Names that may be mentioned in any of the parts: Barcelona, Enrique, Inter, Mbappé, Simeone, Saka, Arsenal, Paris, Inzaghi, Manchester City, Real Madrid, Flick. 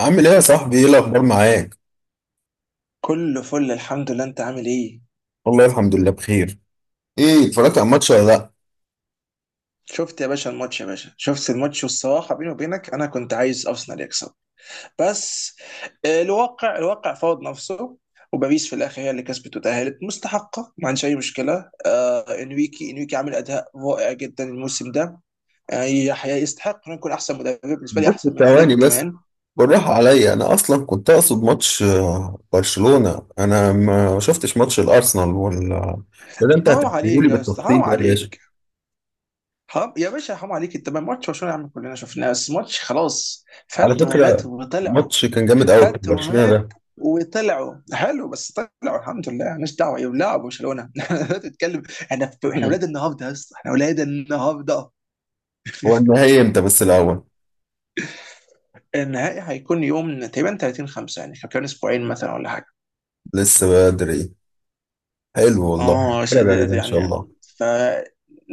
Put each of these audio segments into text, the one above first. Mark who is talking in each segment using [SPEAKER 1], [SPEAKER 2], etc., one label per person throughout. [SPEAKER 1] عامل ايه يا صاحبي؟ ايه الاخبار معاك؟
[SPEAKER 2] كله فل الحمد لله، انت عامل ايه؟
[SPEAKER 1] والله الحمد لله بخير. ايه، اتفرجت على الماتش ولا لا؟
[SPEAKER 2] شفت يا باشا الماتش يا باشا، شفت الماتش، والصراحه بيني وبينك انا كنت عايز ارسنال يكسب بس. الواقع فرض نفسه، وباريس في الاخر هي اللي كسبت وتاهلت مستحقه، ما عندش اي مشكله. انريكي عامل اداء رائع جدا الموسم ده. يستحق انه يكون احسن مدرب، بالنسبه لي
[SPEAKER 1] بس
[SPEAKER 2] احسن من
[SPEAKER 1] ثواني
[SPEAKER 2] فليك
[SPEAKER 1] بس.
[SPEAKER 2] كمان.
[SPEAKER 1] بالراحه عليا، انا اصلا كنت اقصد ماتش برشلونه. انا ما شفتش ماتش الارسنال ولا. ده انت
[SPEAKER 2] حرام
[SPEAKER 1] هتحكيه لي
[SPEAKER 2] عليك يا استاذ، حرام
[SPEAKER 1] بالتفصيل ده يا باشا.
[SPEAKER 2] عليك، حرام يا باشا، حرام عليك. انت ما ماتش برشلونه يا عم كلنا شفناه، بس ماتش خلاص
[SPEAKER 1] على
[SPEAKER 2] فات ومات
[SPEAKER 1] فكره،
[SPEAKER 2] وطلع.
[SPEAKER 1] الماتش كان جامد قوي بتاع
[SPEAKER 2] فات
[SPEAKER 1] برشلونه ده.
[SPEAKER 2] ومات وطلعوا حلو بس طلعوا، الحمد لله، مالناش دعوه ايه لعبوا برشلونه. لا تتكلم. احنا اولاد النهارده يا اسطى، احنا اولاد النهارده.
[SPEAKER 1] هو النهائي امتى بس الاول؟
[SPEAKER 2] النهائي هيكون يوم تقريبا 30 5، يعني كان اسبوعين مثلا ولا حاجه.
[SPEAKER 1] لسه بدري. حلو والله،
[SPEAKER 2] اه
[SPEAKER 1] هتفرج عليه
[SPEAKER 2] شديد
[SPEAKER 1] ده ان شاء
[SPEAKER 2] يعني.
[SPEAKER 1] الله.
[SPEAKER 2] ف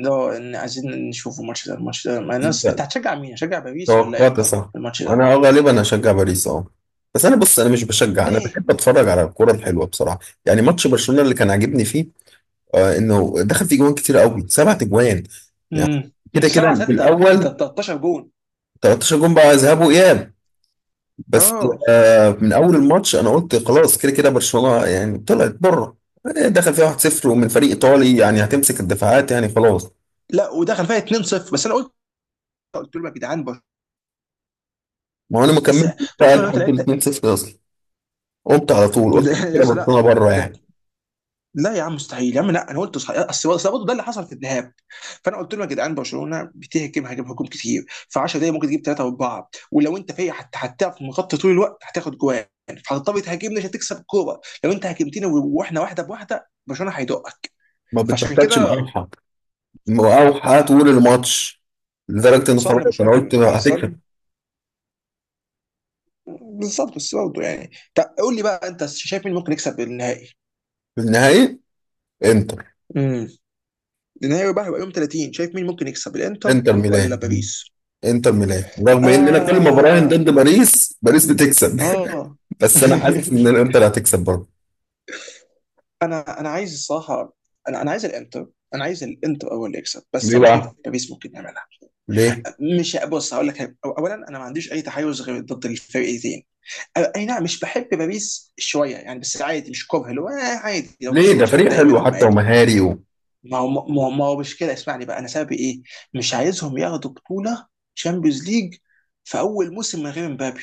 [SPEAKER 2] لو إن عايزين نشوف الماتش ده مع
[SPEAKER 1] انت
[SPEAKER 2] ناس، انت هتشجع مين؟ هتشجع باريس ولا
[SPEAKER 1] توقعت
[SPEAKER 2] انتر
[SPEAKER 1] صح.
[SPEAKER 2] في الماتش ده؟
[SPEAKER 1] انا غالبا هشجع باريس، اه. بس انا، بص، انا مش بشجع. انا
[SPEAKER 2] ليه؟
[SPEAKER 1] بحب اتفرج على الكرة الحلوة بصراحة. يعني ماتش برشلونة اللي كان عاجبني فيه انه دخل فيه جوان كتير قوي، سبعة جوان يعني.
[SPEAKER 2] امم
[SPEAKER 1] كده كده
[SPEAKER 2] 7 6
[SPEAKER 1] بالاول
[SPEAKER 2] 13 جون.
[SPEAKER 1] 13 جون بقى، ذهاب واياب. بس
[SPEAKER 2] اه،
[SPEAKER 1] من اول الماتش انا قلت خلاص، كده كده برشلونة يعني طلعت بره. دخل فيها 1-0 ومن فريق ايطالي، يعني هتمسك الدفاعات، يعني خلاص.
[SPEAKER 2] لا، ودخل فيها 2 0 بس. انا قلت لهم يا جدعان،
[SPEAKER 1] ما هو انا ما
[SPEAKER 2] اسا،
[SPEAKER 1] كملتش بقى
[SPEAKER 2] برشلونه لو انت
[SPEAKER 1] لحد ال
[SPEAKER 2] لعبت.
[SPEAKER 1] 2-0 اصلا، قمت على طول
[SPEAKER 2] ده
[SPEAKER 1] قلت كده
[SPEAKER 2] يا
[SPEAKER 1] كده
[SPEAKER 2] اسا لا،
[SPEAKER 1] برشلونة بره يعني.
[SPEAKER 2] ده، لا يا عم مستحيل يا عم، لا، انا قلت صحيح. اصل برضه ده اللي حصل في الذهاب، فانا قلت لهم يا جدعان، برشلونه بتهجم، هجم هجوم كتير في 10 دقايق ممكن تجيب ثلاثه واربعه، ولو انت فايق حتى هتعرف مغطي طول الوقت هتاخد جوان. فهتضطر تهاجمنا عشان تكسب الكوره، لو انت هاجمتنا واحنا واحده بواحده برشلونه هيدقك.
[SPEAKER 1] ما
[SPEAKER 2] فعشان
[SPEAKER 1] بتبطلش
[SPEAKER 2] كده.
[SPEAKER 1] مقاوحه، مقاوحه طول الماتش، لدرجه ان
[SPEAKER 2] صح ان
[SPEAKER 1] خلاص انا
[SPEAKER 2] برشلونه
[SPEAKER 1] قلت
[SPEAKER 2] كان
[SPEAKER 1] هتكسب
[SPEAKER 2] احسن. بالظبط. بس برضه يعني، طب قول لي بقى، انت شايف مين ممكن يكسب النهائي؟
[SPEAKER 1] في النهائي. انتر.
[SPEAKER 2] امم، نهائي بقى هيبقى يوم 30، شايف مين ممكن يكسب، الانتر
[SPEAKER 1] انتر
[SPEAKER 2] ولا
[SPEAKER 1] ميلان.
[SPEAKER 2] باريس؟
[SPEAKER 1] انتر ميلان، رغم ان انا كل ما براهن
[SPEAKER 2] اه.
[SPEAKER 1] ضد باريس، باريس بتكسب.
[SPEAKER 2] اه.
[SPEAKER 1] بس انا حاسس ان الانتر هتكسب برضه.
[SPEAKER 2] انا عايز الصراحه. انا عايز الانتر. انا عايز الانتر اول اللي يكسب، بس
[SPEAKER 1] ليه
[SPEAKER 2] انا شايف
[SPEAKER 1] بقى؟
[SPEAKER 2] باريس ممكن يعملها.
[SPEAKER 1] ليه؟
[SPEAKER 2] مش، بص، هقول لك حاجة. اولا انا ما عنديش اي تحيز غير ضد الفرقتين. اي نعم، مش بحب باريس شويه يعني، بس عادي، مش كره، اللي هو عادي، لو
[SPEAKER 1] ليه؟
[SPEAKER 2] كسبوا
[SPEAKER 1] ده
[SPEAKER 2] مش
[SPEAKER 1] فريق
[SPEAKER 2] هتضايق
[SPEAKER 1] حلو
[SPEAKER 2] منهم،
[SPEAKER 1] حتى
[SPEAKER 2] عادي.
[SPEAKER 1] ومهاري.
[SPEAKER 2] ما هو مش كده، اسمعني بقى انا سببي ايه. مش عايزهم ياخدوا بطوله شامبيونز ليج في اول موسم من غير مبابي.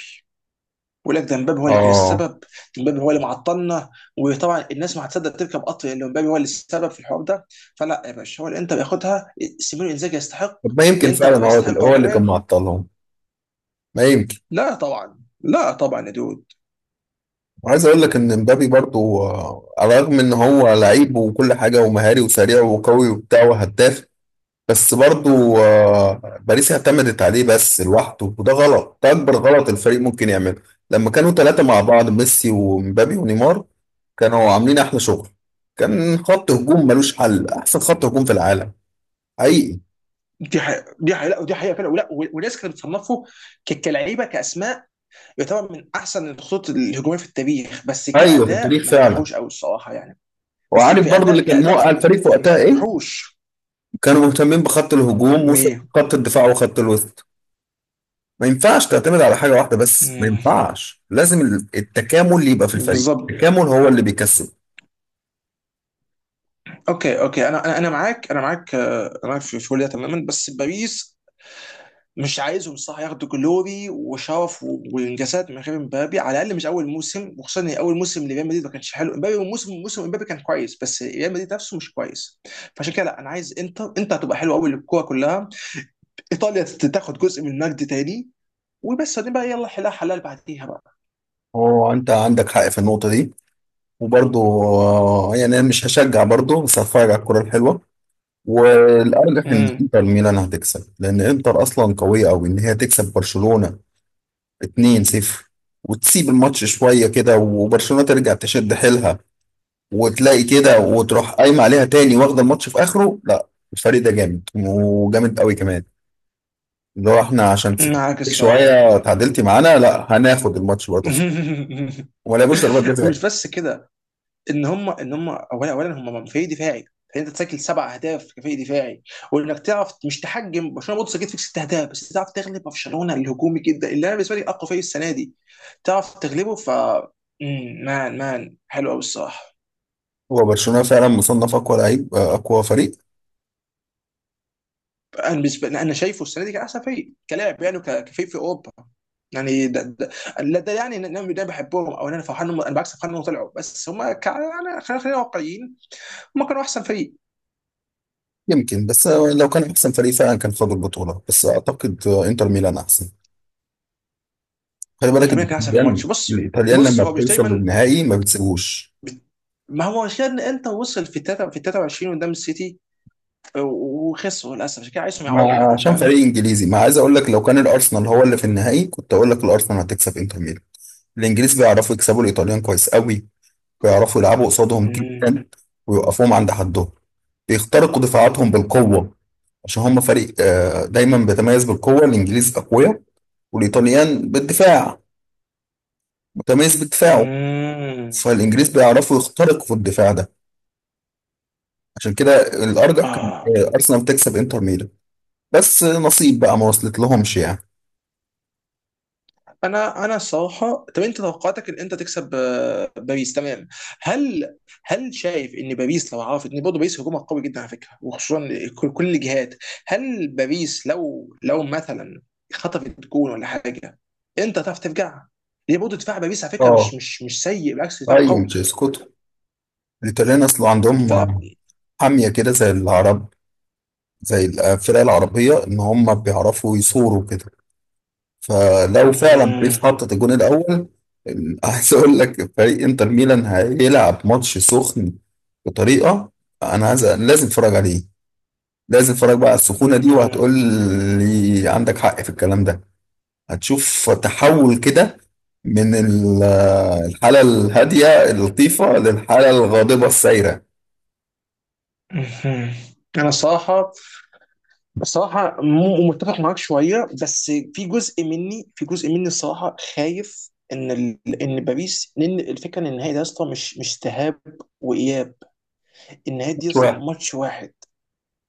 [SPEAKER 2] بقول لك، ده مبابي هو اللي كان
[SPEAKER 1] اه.
[SPEAKER 2] السبب، ده مبابي هو اللي معطلنا. وطبعا الناس ما هتصدق تركب قطر اللي مبابي هو اللي السبب في الحوار ده. فلا يا باشا، هو الانتر ياخدها، سيمينو انزاجي يستحق،
[SPEAKER 1] طب ما يمكن
[SPEAKER 2] الانتر
[SPEAKER 1] فعلا هو
[SPEAKER 2] يستحق هو
[SPEAKER 1] هو اللي كان
[SPEAKER 2] كمان.
[SPEAKER 1] معطلهم. ما يمكن.
[SPEAKER 2] لا طبعا، لا طبعا يا دود.
[SPEAKER 1] وعايز اقول لك ان مبابي برضو، على الرغم ان هو لعيب وكل حاجه ومهاري وسريع وقوي وبتاع وهداف. بس برضو، باريس اعتمدت عليه بس لوحده، وده غلط، ده اكبر غلط الفريق ممكن يعمله. لما كانوا ثلاثة مع بعض، ميسي ومبابي ونيمار، كانوا عاملين احلى شغل. كان خط هجوم ملوش حل، احسن خط هجوم في العالم حقيقي.
[SPEAKER 2] دي حقيقة، لا، ودي حقيقة فعلا، ولا، وناس كانت بتصنفه كلعيبة، كأسماء يعتبر من احسن الخطوط الهجوميه في التاريخ، بس
[SPEAKER 1] ايوه، في
[SPEAKER 2] كاداء
[SPEAKER 1] التاريخ
[SPEAKER 2] ما
[SPEAKER 1] فعلا.
[SPEAKER 2] نجحوش قوي الصراحه يعني. بس
[SPEAKER 1] وعارف
[SPEAKER 2] في
[SPEAKER 1] برضو
[SPEAKER 2] اداء
[SPEAKER 1] اللي كان
[SPEAKER 2] كاداء
[SPEAKER 1] موقع الفريق في
[SPEAKER 2] ما
[SPEAKER 1] وقتها ايه.
[SPEAKER 2] نجحوش.
[SPEAKER 1] كانوا مهتمين بخط الهجوم
[SPEAKER 2] مي
[SPEAKER 1] وخط الدفاع وخط الوسط. ما ينفعش تعتمد على حاجة واحدة بس، ما
[SPEAKER 2] مم.
[SPEAKER 1] ينفعش. لازم التكامل اللي يبقى في الفريق،
[SPEAKER 2] بالظبط.
[SPEAKER 1] التكامل هو اللي بيكسب.
[SPEAKER 2] اوكي اوكي، انا انا أنا معاك، انا معاك انا معاك في كل ده تماما. بس باريس مش عايزهم صح ياخدوا جلوري وشرف وانجازات من غير امبابي، على الاقل مش اول موسم، وخصوصا ان اول موسم لريال مدريد ما كانش حلو امبابي. موسم امبابي كان كويس، بس ريال مدريد نفسه مش كويس. فعشان كده لا، انا عايز انتر. انت هتبقى حلو قوي للكوره كلها، ايطاليا تاخد جزء من المجد تاني. وبس بعدين بقى يلا، حلال حلال بعديها بقى.
[SPEAKER 1] هو انت عندك حق في النقطة دي. وبرضه، يعني انا مش هشجع برضه، بس هتفرج على الكرة الحلوة. والارجح ان
[SPEAKER 2] امم،
[SPEAKER 1] انتر ميلان هتكسب، لان انتر اصلا قوية قوي ان هي تكسب برشلونة 2-0 وتسيب الماتش شوية كده، وبرشلونة ترجع تشد حيلها وتلاقي كده وتروح قايمة عليها تاني، واخدة الماتش في اخره. لا، الفريق ده جامد وجامد قوي كمان. لو احنا عشان سكتك
[SPEAKER 2] معاك الصراحه.
[SPEAKER 1] شوية تعادلتي معانا، لا هناخد الماتش برضه، ولا مش ضربات جزاء.
[SPEAKER 2] ومش بس كده. ان هم ان هم اولا هم فريق دفاعي، فانت تسجل سبع اهداف كفريق دفاعي، وانك تعرف مش تحجم برشلونه، برضه سجلت فيك ست اهداف، بس تعرف تغلب برشلونه الهجومي جدا اللي انا بالنسبه لي اقوى فريق السنه دي، تعرف تغلبه. مان حلو قوي الصراحه.
[SPEAKER 1] هو برشلونة فعلا مصنف أقوى لعيب، أقوى فريق.
[SPEAKER 2] انا بالنسبه لي انا شايفه السنه دي كان احسن فريق كلاعب يعني، كفريق في اوروبا يعني. لا ده يعني ان انا ده بحبهم او إن انا فرحان انا بالعكس فرحان انهم طلعوا، بس هم يعني خلينا واقعيين، هم كانوا احسن فريق.
[SPEAKER 1] يمكن، بس لو كان أحسن فريق فعلا كان خد البطولة. بس أعتقد إنتر ميلان أحسن. خلي بالك،
[SPEAKER 2] انت مين كان احسن في
[SPEAKER 1] الإيطاليان
[SPEAKER 2] الماتش؟ بص
[SPEAKER 1] الإيطاليان
[SPEAKER 2] بص،
[SPEAKER 1] لما
[SPEAKER 2] هو مش
[SPEAKER 1] بتوصل
[SPEAKER 2] دايما.
[SPEAKER 1] للنهائي ما بتسيبوش.
[SPEAKER 2] بت- ما هو عشان انت وصل في تلاتة في 23 قدام السيتي، وخسروا للاسف، عشان كده عايزهم
[SPEAKER 1] ما
[SPEAKER 2] يعوضوا بقى دي،
[SPEAKER 1] عشان
[SPEAKER 2] فاهم؟
[SPEAKER 1] فريق إنجليزي، ما عايز أقول لك، لو كان الأرسنال هو اللي في النهائي كنت أقول لك الأرسنال هتكسب إنتر ميلان. الإنجليز بيعرفوا يكسبوا الإيطاليان كويس قوي. بيعرفوا يلعبوا قصادهم
[SPEAKER 2] امم.
[SPEAKER 1] جدا ويوقفوهم عند حدهم. بيخترقوا دفاعاتهم بالقوة. عشان هم فريق دايما بيتميز بالقوة. الإنجليز أقوياء، والإيطاليان بالدفاع، متميز بدفاعه.
[SPEAKER 2] امم.
[SPEAKER 1] فالإنجليز بيعرفوا يخترقوا في الدفاع ده. عشان كده الأرجح كان،
[SPEAKER 2] اه،
[SPEAKER 1] أرسنال تكسب إنتر ميلان. بس نصيب بقى ما وصلت لهمش يعني.
[SPEAKER 2] انا الصراحه، طب انت توقعاتك ان انت تكسب باريس، تمام؟ هل هل شايف ان باريس لو عرفت ان برضه باريس هجومها قوي جدا على فكره، وخصوصا كل الجهات؟ هل باريس لو مثلا خطفت جون ولا حاجه، انت هتعرف ترجع؟ هي برضه دفاع باريس على فكره
[SPEAKER 1] اه،
[SPEAKER 2] مش سيء، بالعكس دفاع
[SPEAKER 1] ايوه
[SPEAKER 2] قوي.
[SPEAKER 1] تشيسكوتو. الإيطاليان أصله عندهم
[SPEAKER 2] ف
[SPEAKER 1] حامية كده زي العرب، زي الفرق العربية، إن هم بيعرفوا يصوروا كده. فلو فعلا
[SPEAKER 2] مهم.
[SPEAKER 1] بيس حطت الجون الأول عايز أقول لك، فريق إنتر ميلان هيلعب ماتش سخن بطريقة. أنا عايز، لازم أتفرج عليه. لازم أتفرج بقى على السخونة دي،
[SPEAKER 2] مهم.
[SPEAKER 1] وهتقول لي عندك حق في الكلام ده. هتشوف تحول كده من الحالة الهادية اللطيفة للحالة الغاضبة السايرة
[SPEAKER 2] مهم. انا الصراحه، متفق معاك شوية، بس في جزء مني، في جزء مني الصراحة خايف ان ان باريس، لان الفكرة ان النهائي ده يا اسطى مش ذهاب وإياب، النهائي دي يا اسطى
[SPEAKER 1] شوية.
[SPEAKER 2] ماتش واحد.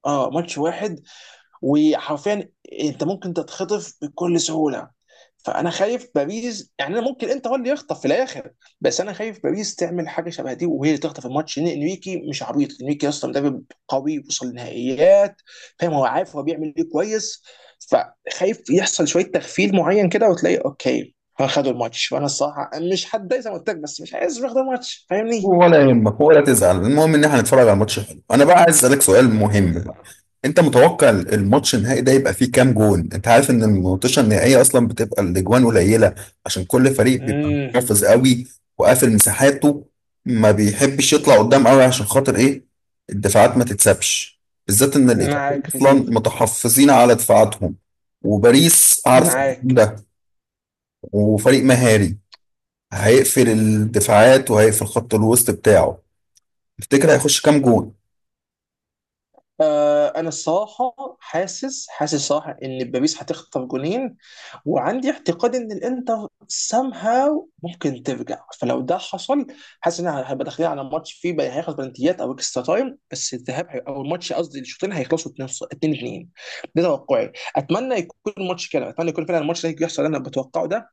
[SPEAKER 2] اه ماتش واحد. وحرفيا انت ممكن تتخطف بكل سهوله. فانا خايف باريس يعني، انا ممكن انت هو اللي يخطف في الاخر. بس انا خايف باريس تعمل حاجه شبه دي، وهي اللي تخطف الماتش، لان انريكي مش عبيط، انريكي اصلا مدرب قوي وصل لنهائيات، فاهم؟ هو عارف هو بيعمل ايه كويس. فخايف يحصل شويه تغفيل معين كده، وتلاقي اوكي خدوا الماتش، وانا الصراحه مش هتضايق زي ما قلت لك، بس مش عايز ياخدوا الماتش، فاهمني؟
[SPEAKER 1] ولا يهمك، ولا تزعل. المهم ان احنا هنتفرج على ماتش حلو. انا بقى عايز اسالك سؤال مهم بقى. انت متوقع الماتش النهائي ده يبقى فيه كام جون؟ انت عارف ان الماتشات النهائيه اصلا بتبقى الاجوان قليله، عشان كل فريق بيبقى
[SPEAKER 2] امم،
[SPEAKER 1] محافظ قوي وقافل مساحاته. ما بيحبش يطلع قدام قوي عشان خاطر ايه؟ الدفاعات ما تتسابش، بالذات ان الايطاليين
[SPEAKER 2] معاك في
[SPEAKER 1] اصلا
[SPEAKER 2] دي،
[SPEAKER 1] متحفظين على دفاعاتهم، وباريس عارفه
[SPEAKER 2] معاك.
[SPEAKER 1] ده، وفريق مهاري، هيقفل الدفاعات وهيقفل خط الوسط بتاعه. تفتكر هيخش كام جول؟
[SPEAKER 2] انا الصراحه حاسس حاسس صراحه ان باريس هتخطف جونين. وعندي اعتقاد ان الانتر somehow ممكن ترجع، فلو ده حصل حاسس ان انا هبقى داخلين على ماتش فيه بقى هيخلص بلنتيات او اكسترا تايم. بس الذهاب او الماتش قصدي الشوطين هيخلصوا 2 2. ده توقعي، اتمنى يكون الماتش كده، اتمنى يكون فعلا الماتش ده يحصل اللي انا بتوقعه ده،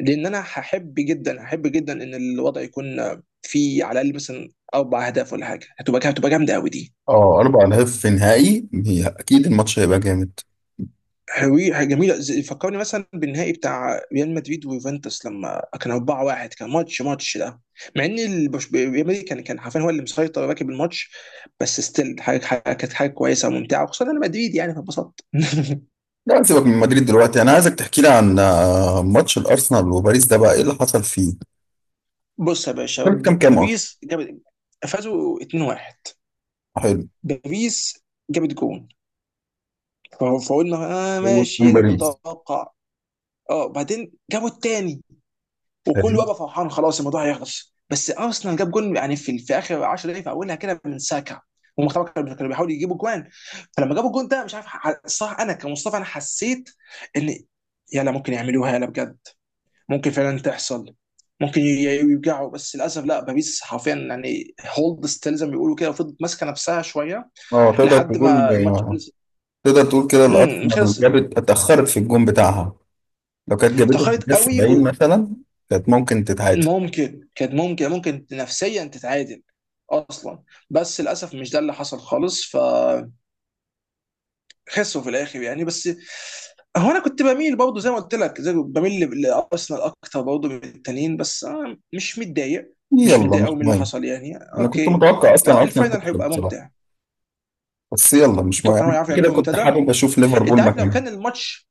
[SPEAKER 2] لان انا هحب جدا ان الوضع يكون فيه على الاقل مثلا اربع اهداف ولا حاجه، هتبقى جامده قوي دي.
[SPEAKER 1] اه، اربع اهداف في نهائي؟ هي اكيد الماتش هيبقى جامد.
[SPEAKER 2] هوي حاجة جميلة، فكرني مثلا بالنهائي بتاع ريال مدريد ويوفنتوس لما كان 4-1، كان ماتش، ده، مع ان ريال مدريد كان حرفيا هو اللي مسيطر راكب الماتش، بس ستيل، كانت حاجة كويسة وممتعة، وخصوصا انا مدريد يعني فانبسطت.
[SPEAKER 1] لا سيبك من مدريد دلوقتي، انا عايزك تحكي لي عن ماتش الارسنال وباريس ده. بقى ايه اللي حصل فيه؟
[SPEAKER 2] بص يا باشا،
[SPEAKER 1] كان كام كام اصلا؟
[SPEAKER 2] باريس جابت، فازوا 2-1.
[SPEAKER 1] حلو.
[SPEAKER 2] باريس جابت جون، فقلنا اه
[SPEAKER 1] هو كان
[SPEAKER 2] ماشي ده
[SPEAKER 1] باريس؟
[SPEAKER 2] متوقع. اه، بعدين جابوا التاني،
[SPEAKER 1] حلو،
[SPEAKER 2] وكله بقى فرحان خلاص الموضوع هيخلص. بس ارسنال جاب جول يعني في، اخر 10 دقائق، في اولها كده من ساكا. هم طبعا كانوا بيحاولوا يجيبوا جوان، فلما جابوا الجون ده مش عارف صح، انا كمصطفى انا حسيت ان يلا ممكن يعملوها، يلا بجد ممكن فعلا تحصل، ممكن يرجعوا، بس للاسف لا، باريس حرفيا يعني هولد ستيل زي ما بيقولوا كده، وفضلت ماسكه نفسها شويه
[SPEAKER 1] اه.
[SPEAKER 2] لحد ما الماتش خلص.
[SPEAKER 1] تقدر تقول كده
[SPEAKER 2] خلص.
[SPEAKER 1] الارسنال جابت، اتاخرت في الجون بتاعها. لو كانت جابته في
[SPEAKER 2] تاخرت
[SPEAKER 1] الدقيقه
[SPEAKER 2] قوي.
[SPEAKER 1] 70 مثلا كانت ممكن تتعادل.
[SPEAKER 2] ممكن، كانت ممكن، ممكن نفسيا تتعادل اصلا، بس للاسف مش ده اللي حصل خالص، فخسروا في الاخر يعني، بس هو انا كنت بميل برضه زي ما قلت لك، زي بميل لارسنال اكتر برضه من التانيين، بس أنا مش متضايق، مش
[SPEAKER 1] يلا
[SPEAKER 2] متضايق
[SPEAKER 1] مش
[SPEAKER 2] قوي من اللي
[SPEAKER 1] مهم،
[SPEAKER 2] حصل يعني،
[SPEAKER 1] انا كنت
[SPEAKER 2] اوكي.
[SPEAKER 1] متوقع اصلا
[SPEAKER 2] لا
[SPEAKER 1] ارسنال
[SPEAKER 2] الفاينل
[SPEAKER 1] تكسب
[SPEAKER 2] هيبقى
[SPEAKER 1] بصراحه.
[SPEAKER 2] ممتع.
[SPEAKER 1] بس يلا مش مهم،
[SPEAKER 2] اتوقع ان هو
[SPEAKER 1] أنا
[SPEAKER 2] يعرف
[SPEAKER 1] كده
[SPEAKER 2] يعملوا
[SPEAKER 1] كنت
[SPEAKER 2] ممتدى.
[SPEAKER 1] حابب اشوف ليفربول
[SPEAKER 2] انت عارف،
[SPEAKER 1] مكانها.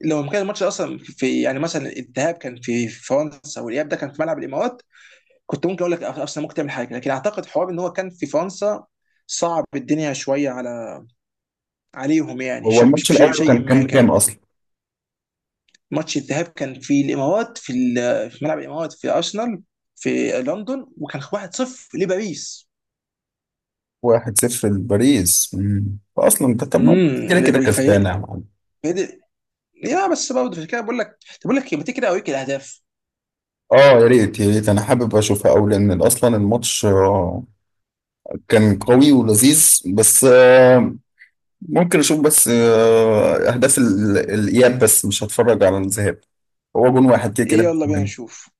[SPEAKER 2] لو كان الماتش اصلا في يعني مثلا الذهاب كان في فرنسا، والاياب ده كان في ملعب الامارات، كنت ممكن اقول لك ارسنال ممكن تعمل حاجه، لكن اعتقد حوار ان هو كان في فرنسا صعب الدنيا شويه على عليهم يعني،
[SPEAKER 1] هو
[SPEAKER 2] شكل مش
[SPEAKER 1] الماتش
[SPEAKER 2] بشيء،
[SPEAKER 1] الاول كان
[SPEAKER 2] ما
[SPEAKER 1] كام كام
[SPEAKER 2] كده.
[SPEAKER 1] اصلا؟
[SPEAKER 2] ماتش الذهاب كان في الامارات في، في ملعب الامارات في ارسنال، في لندن، وكان 1-0 لباريس.
[SPEAKER 1] 1-0 لباريس. فاصلا ده، طب ما كده كده
[SPEAKER 2] امم. في...
[SPEAKER 1] كسبانه يا معلم.
[SPEAKER 2] في... يا بس برضه عشان كده بقول لك، طب بقول لك إيه، ما تيجي كده اوريك الاهداف.
[SPEAKER 1] اه، يا ريت يا ريت، انا حابب اشوفها قوي، لان اصلا الماتش كان قوي ولذيذ. بس ممكن اشوف بس اهداف الاياب، بس مش هتفرج على الذهاب. هو جون واحد كده
[SPEAKER 2] يلا بينا
[SPEAKER 1] كده.
[SPEAKER 2] نشوف.